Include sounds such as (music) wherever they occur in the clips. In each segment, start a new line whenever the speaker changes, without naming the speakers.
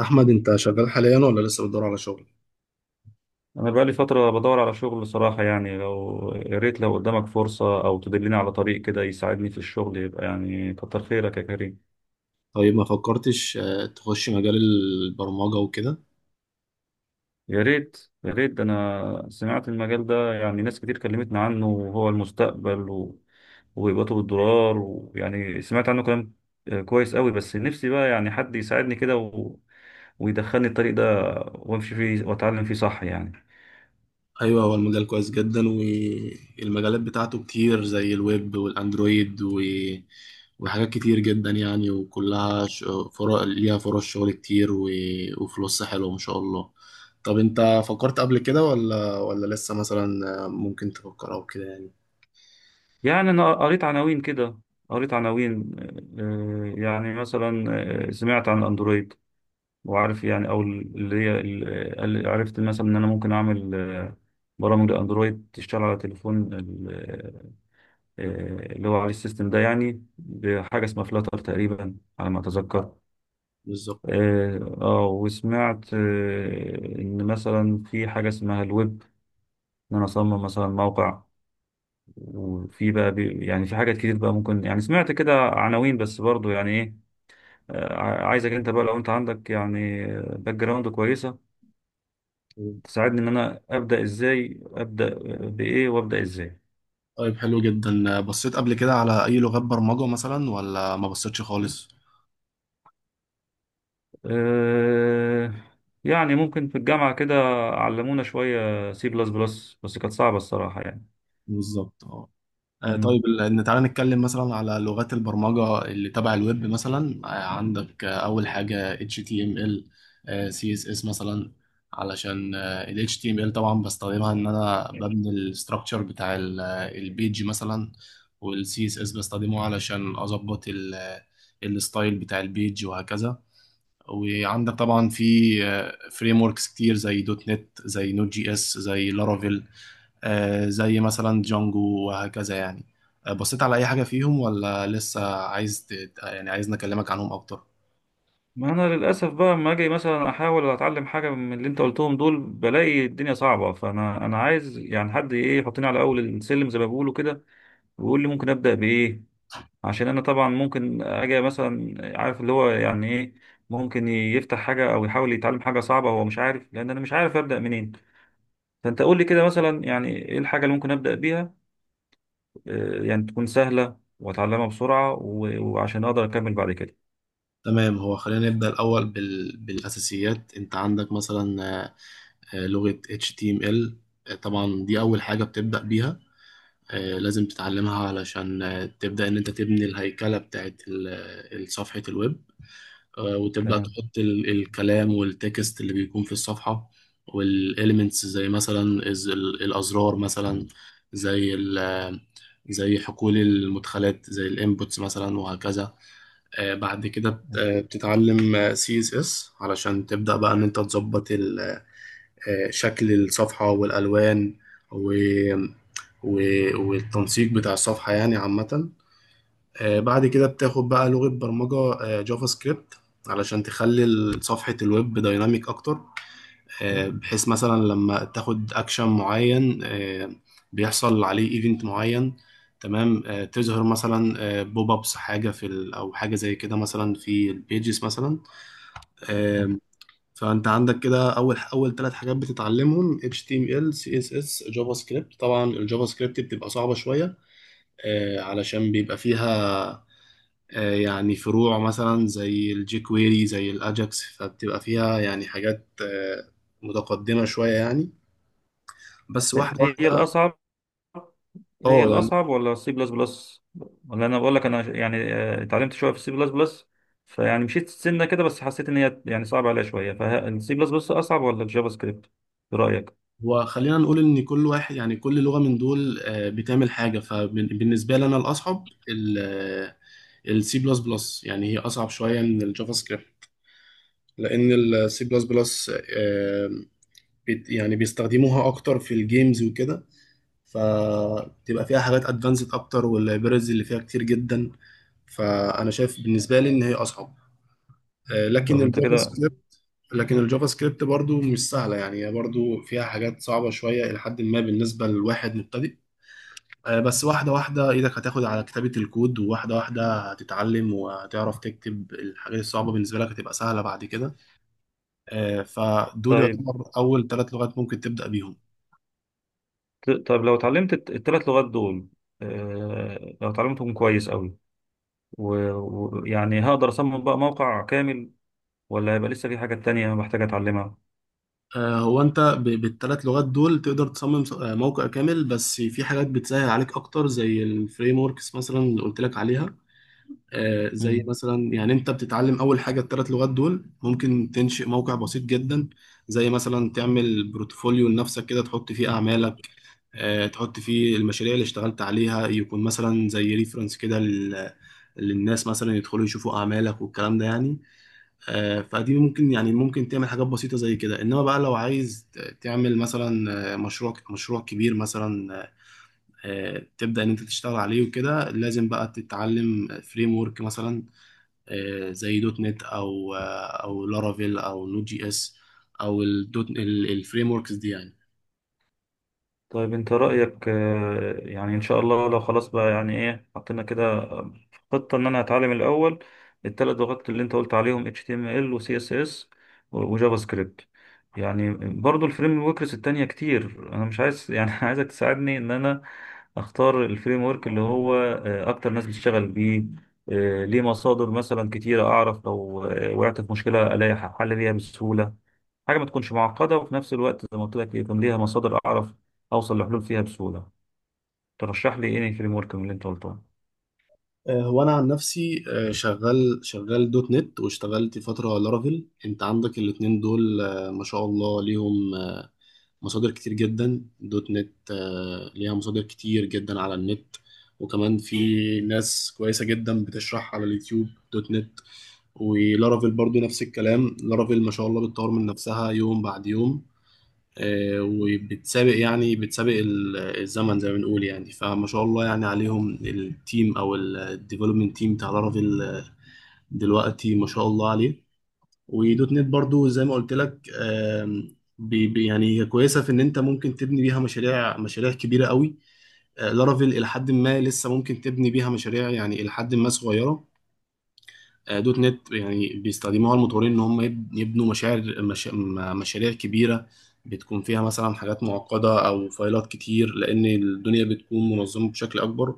أحمد، أنت شغال حاليا ولا لسه بتدور على شغل؟
أنا بقالي فترة بدور على شغل بصراحة، يعني لو يا ريت، لو قدامك فرصة أو تدلني على طريق كده يساعدني في الشغل، يبقى يعني كتر خيرك يا كريم.
طيب، ما فكرتش تخش مجال البرمجة وكده؟
يا ريت يا ريت، ده أنا سمعت المجال ده، يعني ناس كتير كلمتنا عنه وهو المستقبل و، ويبقى بالدولار، ويعني سمعت عنه كلام. آه، كويس قوي، بس نفسي بقى يعني حد يساعدني كده و، ويدخلني الطريق ده وامشي فيه واتعلم فيه، صح يعني.
أيوه، هو المجال كويس جدا، والمجالات بتاعته كتير زي الويب والأندرويد وحاجات كتير جدا يعني، وكلها فرق ليها فرص شغل كتير وفلوس حلوة ما شاء الله. طب، أنت فكرت قبل كده ولا لسه مثلا؟ ممكن تفكر أو كده يعني.
يعني أنا قريت عناوين كده، قريت عناوين. آه. يعني مثلا، سمعت عن الأندرويد وعارف، يعني أو اللي هي اللي عرفت مثلا إن أنا ممكن أعمل برامج لأندرويد تشتغل على تليفون اللي هو عليه السيستم ده، يعني بحاجة اسمها فلاتر تقريبا على ما أتذكر.
بالظبط.
وسمعت إن مثلا في حاجة اسمها الويب، إن أنا أصمم مثلا موقع. وفي بقى يعني في حاجات كتير بقى، ممكن يعني سمعت كده عناوين بس برضو يعني ايه. عايزك انت بقى، لو انت عندك يعني باك جراوند كويسة، تساعدني ان انا ابدأ ازاي، ابدأ بايه، وابدأ ازاي.
طيب، حلو جدا. بصيت قبل كده على أي لغات برمجة مثلا ولا ما بصيتش خالص؟
أه، يعني ممكن في الجامعة كده علمونا شوية سي بلس بلس، بس كانت صعبة الصراحة يعني.
بالظبط، اه.
مم.
طيب، إن تعالى نتكلم مثلا على لغات البرمجة اللي تبع الويب مثلا. عندك أول حاجة HTML، CSS مثلا، علشان ال HTML طبعا بستخدمها إن أنا ببني الستراكشر بتاع البيج مثلا، وال CSS بستخدمه علشان أظبط الستايل بتاع البيج وهكذا. وعندك طبعا في فريم وركس كتير زي دوت نت، زي نوت جي اس، زي لارافيل، زي مثلا جانجو وهكذا يعني. بصيت على أي حاجة فيهم ولا لسه عايز يعني عايز نكلمك عنهم أكتر؟
ما انا للاسف بقى لما اجي مثلا احاول اتعلم حاجه من اللي انت قلتهم دول، بلاقي الدنيا صعبه. فانا عايز يعني حد ايه يحطني على اول السلم زي ما بيقولوا كده، بيقول لي ممكن ابدا بايه. عشان انا طبعا ممكن اجي مثلا عارف اللي هو يعني ايه، ممكن يفتح حاجه او يحاول يتعلم حاجه صعبه هو مش عارف، لان انا مش عارف ابدا منين. فانت قول لي كده مثلا، يعني ايه الحاجه اللي ممكن ابدا بيها، يعني تكون سهله واتعلمها بسرعه، وعشان اقدر اكمل بعد كده.
تمام. هو خلينا نبدأ الأول بالأساسيات. أنت عندك مثلا لغة HTML. طبعا دي أول حاجة بتبدأ بيها. لازم تتعلمها علشان تبدأ إن أنت تبني الهيكلة بتاعت صفحة الويب، وتبدأ
تمام.
تحط الكلام والتكست اللي بيكون في الصفحة، والإليمنتس زي مثلا الأزرار مثلا، زي ال- زي حقول المدخلات، زي الانبوتس مثلا وهكذا. بعد كده بتتعلم CSS علشان تبدأ بقى إن أنت تظبط شكل الصفحة والألوان، و والتنسيق بتاع الصفحة يعني عامة. بعد كده بتاخد بقى لغة برمجة، جافا سكريبت، علشان تخلي صفحة الويب دايناميك أكتر، بحيث مثلا لما تاخد أكشن معين، بيحصل عليه إيفنت معين، تمام، تظهر مثلا بوب أبس، حاجة في ال أو حاجة زي كده مثلا في البيجز مثلا. آه، فأنت عندك كده أول ثلاث حاجات بتتعلمهم HTML، CSS، جافا سكريبت. طبعا الجافا سكريبت بتبقى صعبة شوية، علشان بيبقى فيها يعني فروع مثلا زي الجيكويري، زي الأجاكس، فبتبقى فيها يعني حاجات متقدمة شوية يعني. بس واحدة
هي
واحدة.
الاصعب هي
اه، يعني.
الأصعب ولا السي بلس بلس؟ ولا أنا بقول لك، أنا يعني اتعلمت شوية في السي بلس بلس، فيعني مشيت سنة كده بس حسيت إن هي يعني صعبة عليا شوية. فالسي بلس بلس أصعب ولا الجافا سكريبت؟ برأيك؟
هو خلينا نقول ان كل واحد، يعني كل لغة من دول، بتعمل حاجة. فبالنسبة لي، انا الاصعب السي بلس بلس. يعني هي اصعب شوية من الجافا سكريبت، لان السي بلس بلس يعني بيستخدموها اكتر في الجيمز وكده، فبتبقى فيها حاجات ادفانسد اكتر، واللايبريز اللي فيها كتير جدا. فانا شايف بالنسبه لي ان هي اصعب. آه، لكن
طب أنت
الجافا
كده.
سكريبت لكن الجافا سكريبت برضو مش سهله، يعني هي برضو فيها حاجات صعبه شويه الى حد ما بالنسبه لواحد مبتدئ. بس واحده واحده، ايدك هتاخد على كتابه الكود، وواحده واحده هتتعلم وهتعرف تكتب. الحاجات الصعبه بالنسبه لك هتبقى سهله بعد كده. فدول
طيب،
يعتبر اول ثلاث لغات ممكن تبدا بيهم.
طب لو اتعلمت التلات لغات دول، لو اتعلمتهم كويس أوي، ويعني هقدر أصمم بقى موقع كامل، ولا هيبقى لسه في حاجات تانية محتاج أتعلمها؟
هو انت بالثلاث لغات دول تقدر تصمم موقع كامل، بس في حاجات بتسهل عليك اكتر زي الفريم وركس مثلا اللي قلت لك عليها. زي مثلا، يعني انت بتتعلم اول حاجه الثلاث لغات دول، ممكن تنشئ موقع بسيط جدا، زي مثلا تعمل بروتفوليو لنفسك كده، تحط فيه اعمالك، تحط فيه المشاريع اللي اشتغلت عليها، يكون مثلا زي ريفرنس كده للناس مثلا يدخلوا يشوفوا اعمالك والكلام ده يعني. فدي ممكن، يعني ممكن تعمل حاجات بسيطة زي كده. انما بقى لو عايز تعمل مثلا مشروع كبير مثلا، تبدأ ان انت تشتغل عليه وكده، لازم بقى تتعلم فريم ورك مثلا، زي دوت نت، او او لارافيل، او نود جي اس، او الدوت الفريم وركس دي يعني.
طيب، انت رأيك يعني، ان شاء الله لو خلاص بقى يعني ايه حطينا كده خطة، ان انا هتعلم الاول الثلاث لغات اللي انت قلت عليهم، HTML و CSS وجافا سكريبت يعني. برضو الفريم وركس التانية كتير، انا مش عايز يعني (laughs) عايزك تساعدني ان انا اختار الفريم ورك اللي هو اكتر ناس بتشتغل بيه، ليه مصادر مثلا كتيرة، اعرف لو وقعت في مشكلة الاقي حل ليها بسهولة. حاجه ما تكونش معقده، وفي نفس الوقت زي ما قلت لك يكون ليها مصادر، اعرف اوصل لحلول فيها بسهوله. ترشح لي ايه فريم ورك من اللي انت قلتهم؟
هو انا عن نفسي، شغال دوت نت، واشتغلت فترة لارافيل. انت عندك الاتنين دول، ما شاء الله، ليهم مصادر كتير جدا. دوت نت ليها مصادر كتير جدا على النت، وكمان في ناس كويسة جدا بتشرح على اليوتيوب دوت نت. ولارافيل برضو نفس الكلام. لارافيل ما شاء الله بتطور من نفسها يوم بعد يوم، وبتسابق، يعني بتسابق الزمن زي ما بنقول يعني. فما شاء الله يعني عليهم، التيم او الديفلوبمنت تيم بتاع لارافيل دلوقتي، ما شاء الله عليه. ودوت نت برضو زي ما قلت لك. يعني هي كويسه في ان انت ممكن تبني بيها مشاريع كبيره قوي. لارافيل الى حد ما، لسه ممكن تبني بيها مشاريع يعني الى حد ما صغيره. دوت نت يعني بيستخدموها المطورين ان هم يبنوا مشاعر مش م- مشاريع كبيره، بتكون فيها مثلا حاجات معقده او فايلات كتير، لان الدنيا بتكون منظمه بشكل اكبر.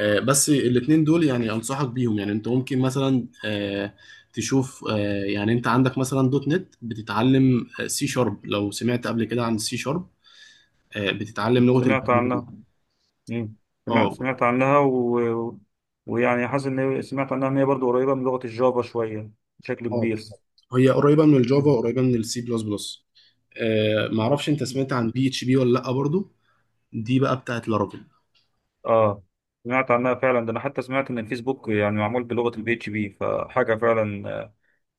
بس الاتنين دول يعني انصحك بيهم. يعني انت ممكن مثلا تشوف يعني انت عندك مثلا دوت نت بتتعلم سي شارب. لو سمعت قبل كده عن سي شارب، بتتعلم لغة
سمعت
البرمجة.
عنها. مم. سمعت
اه.
سمعت عنها و، و- ويعني حاسس ان سمعت عنها ان هي برضه قريبه من لغه الجافا شويه، بشكل
اه،
كبير.
بالظبط. هي قريبة من
(laughs)
الجافا
مم.
وقريبة من السي بلس بلس. معرفش انت سمعت عن بي اتش بي ولا لا برضو؟ دي بقى بتاعت لارافيل.
اه، سمعت عنها فعلا. ده انا حتى سمعت ان الفيسبوك يعني معمول بلغه البي اتش بي، فحاجه فعلا،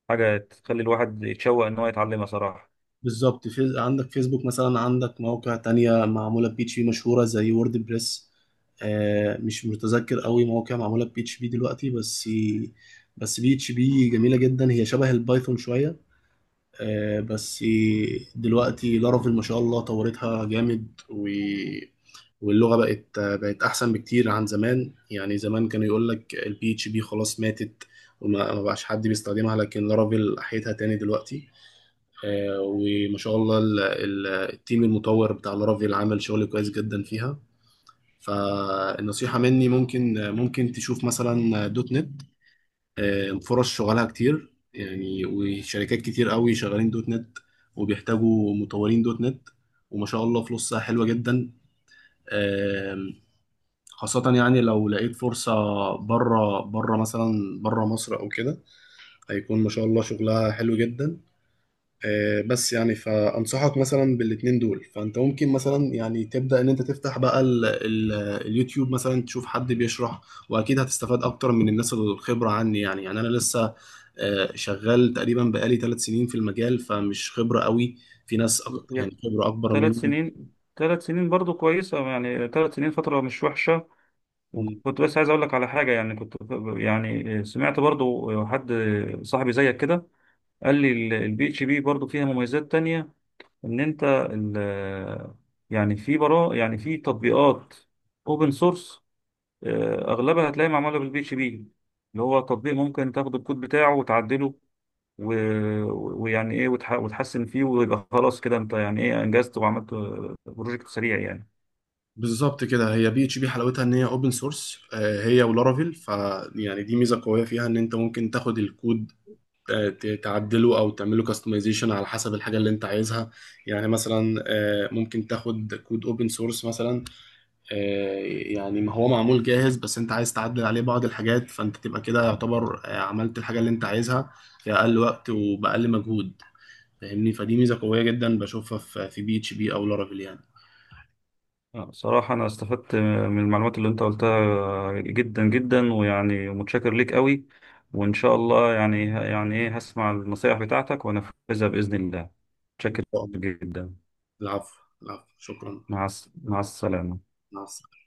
حاجه تخلي الواحد يتشوق ان هو يتعلمها صراحه.
بالظبط، في عندك فيسبوك مثلا، عندك مواقع تانية معمولة بي اتش بي مشهورة زي وورد بريس. آه، مش متذكر قوي مواقع معمولة بي اتش بي دلوقتي، بس بي اتش بي جميلة جدا، هي شبه البايثون شوية. آه، بس دلوقتي لارافيل ما شاء الله طورتها جامد، و واللغة بقت أحسن بكتير عن زمان. يعني زمان كانوا يقول لك البي اتش بي خلاص ماتت، ما بقاش حد بيستخدمها، لكن لارافيل أحيتها تاني دلوقتي. وما شاء الله التيم المطور بتاع لارافيل عمل شغل كويس جدا فيها. فالنصيحة مني، ممكن تشوف مثلا دوت نت. فرص شغلها كتير يعني، وشركات كتير قوي شغالين دوت نت، وبيحتاجوا مطورين دوت نت. وما شاء الله فلوسها حلوة جدا. آم، خاصة يعني لو لقيت فرصة بره، بره مثلا، بره مصر أو كده، هيكون ما شاء الله شغلها حلو جدا. بس يعني فأنصحك مثلا بالاتنين دول. فأنت ممكن مثلا يعني تبدأ إن أنت تفتح بقى ال اليوتيوب مثلا، تشوف حد بيشرح. وأكيد هتستفاد أكتر من الناس الخبرة عني. يعني أنا لسه شغال تقريبا بقالي 3 سنين في المجال، فمش خبرة قوي. في ناس يعني خبرة أكبر
ثلاث
مني.
سنين، ثلاث سنين برضو كويسة، يعني ثلاث سنين فترة مش وحشة. وكنت بس عايز أقول لك على حاجة، يعني كنت، يعني سمعت برضو حد صاحبي زيك كده، قال لي البي اتش بي برضو فيها مميزات تانية، إن أنت ال- يعني في برا، يعني في تطبيقات أوبن سورس أغلبها هتلاقي معمولة بالبي اتش بي، اللي هو تطبيق ممكن تاخد الكود بتاعه وتعدله و، ويعني ايه وتحسن فيه، ويبقى خلاص كده انت يعني ايه انجزت وعملت بروجكت سريع يعني.
بالظبط كده. هي بي اتش بي حلاوتها ان هي اوبن سورس، هي ولارافيل. فيعني دي ميزه قويه فيها، ان انت ممكن تاخد الكود تعدله او تعمله كاستمايزيشن على حسب الحاجه اللي انت عايزها. يعني مثلا ممكن تاخد كود اوبن سورس مثلا، آه، يعني ما هو معمول جاهز، بس انت عايز تعدل عليه بعض الحاجات، فانت تبقى كده يعتبر عملت الحاجه اللي انت عايزها في اقل وقت وباقل مجهود. فاهمني. فدي ميزه قويه جدا بشوفها في بي اتش بي او لارافيل يعني.
صراحة انا استفدت من المعلومات اللي انت قلتها جدا جدا، ويعني متشكر ليك قوي. وان شاء الله يعني ايه هسمع النصائح بتاعتك وانفذها بإذن الله.
إن
متشكر
شاء الله.
جدا.
العفو. العفو. شكرا.
مع السلامة.
مع السلامه.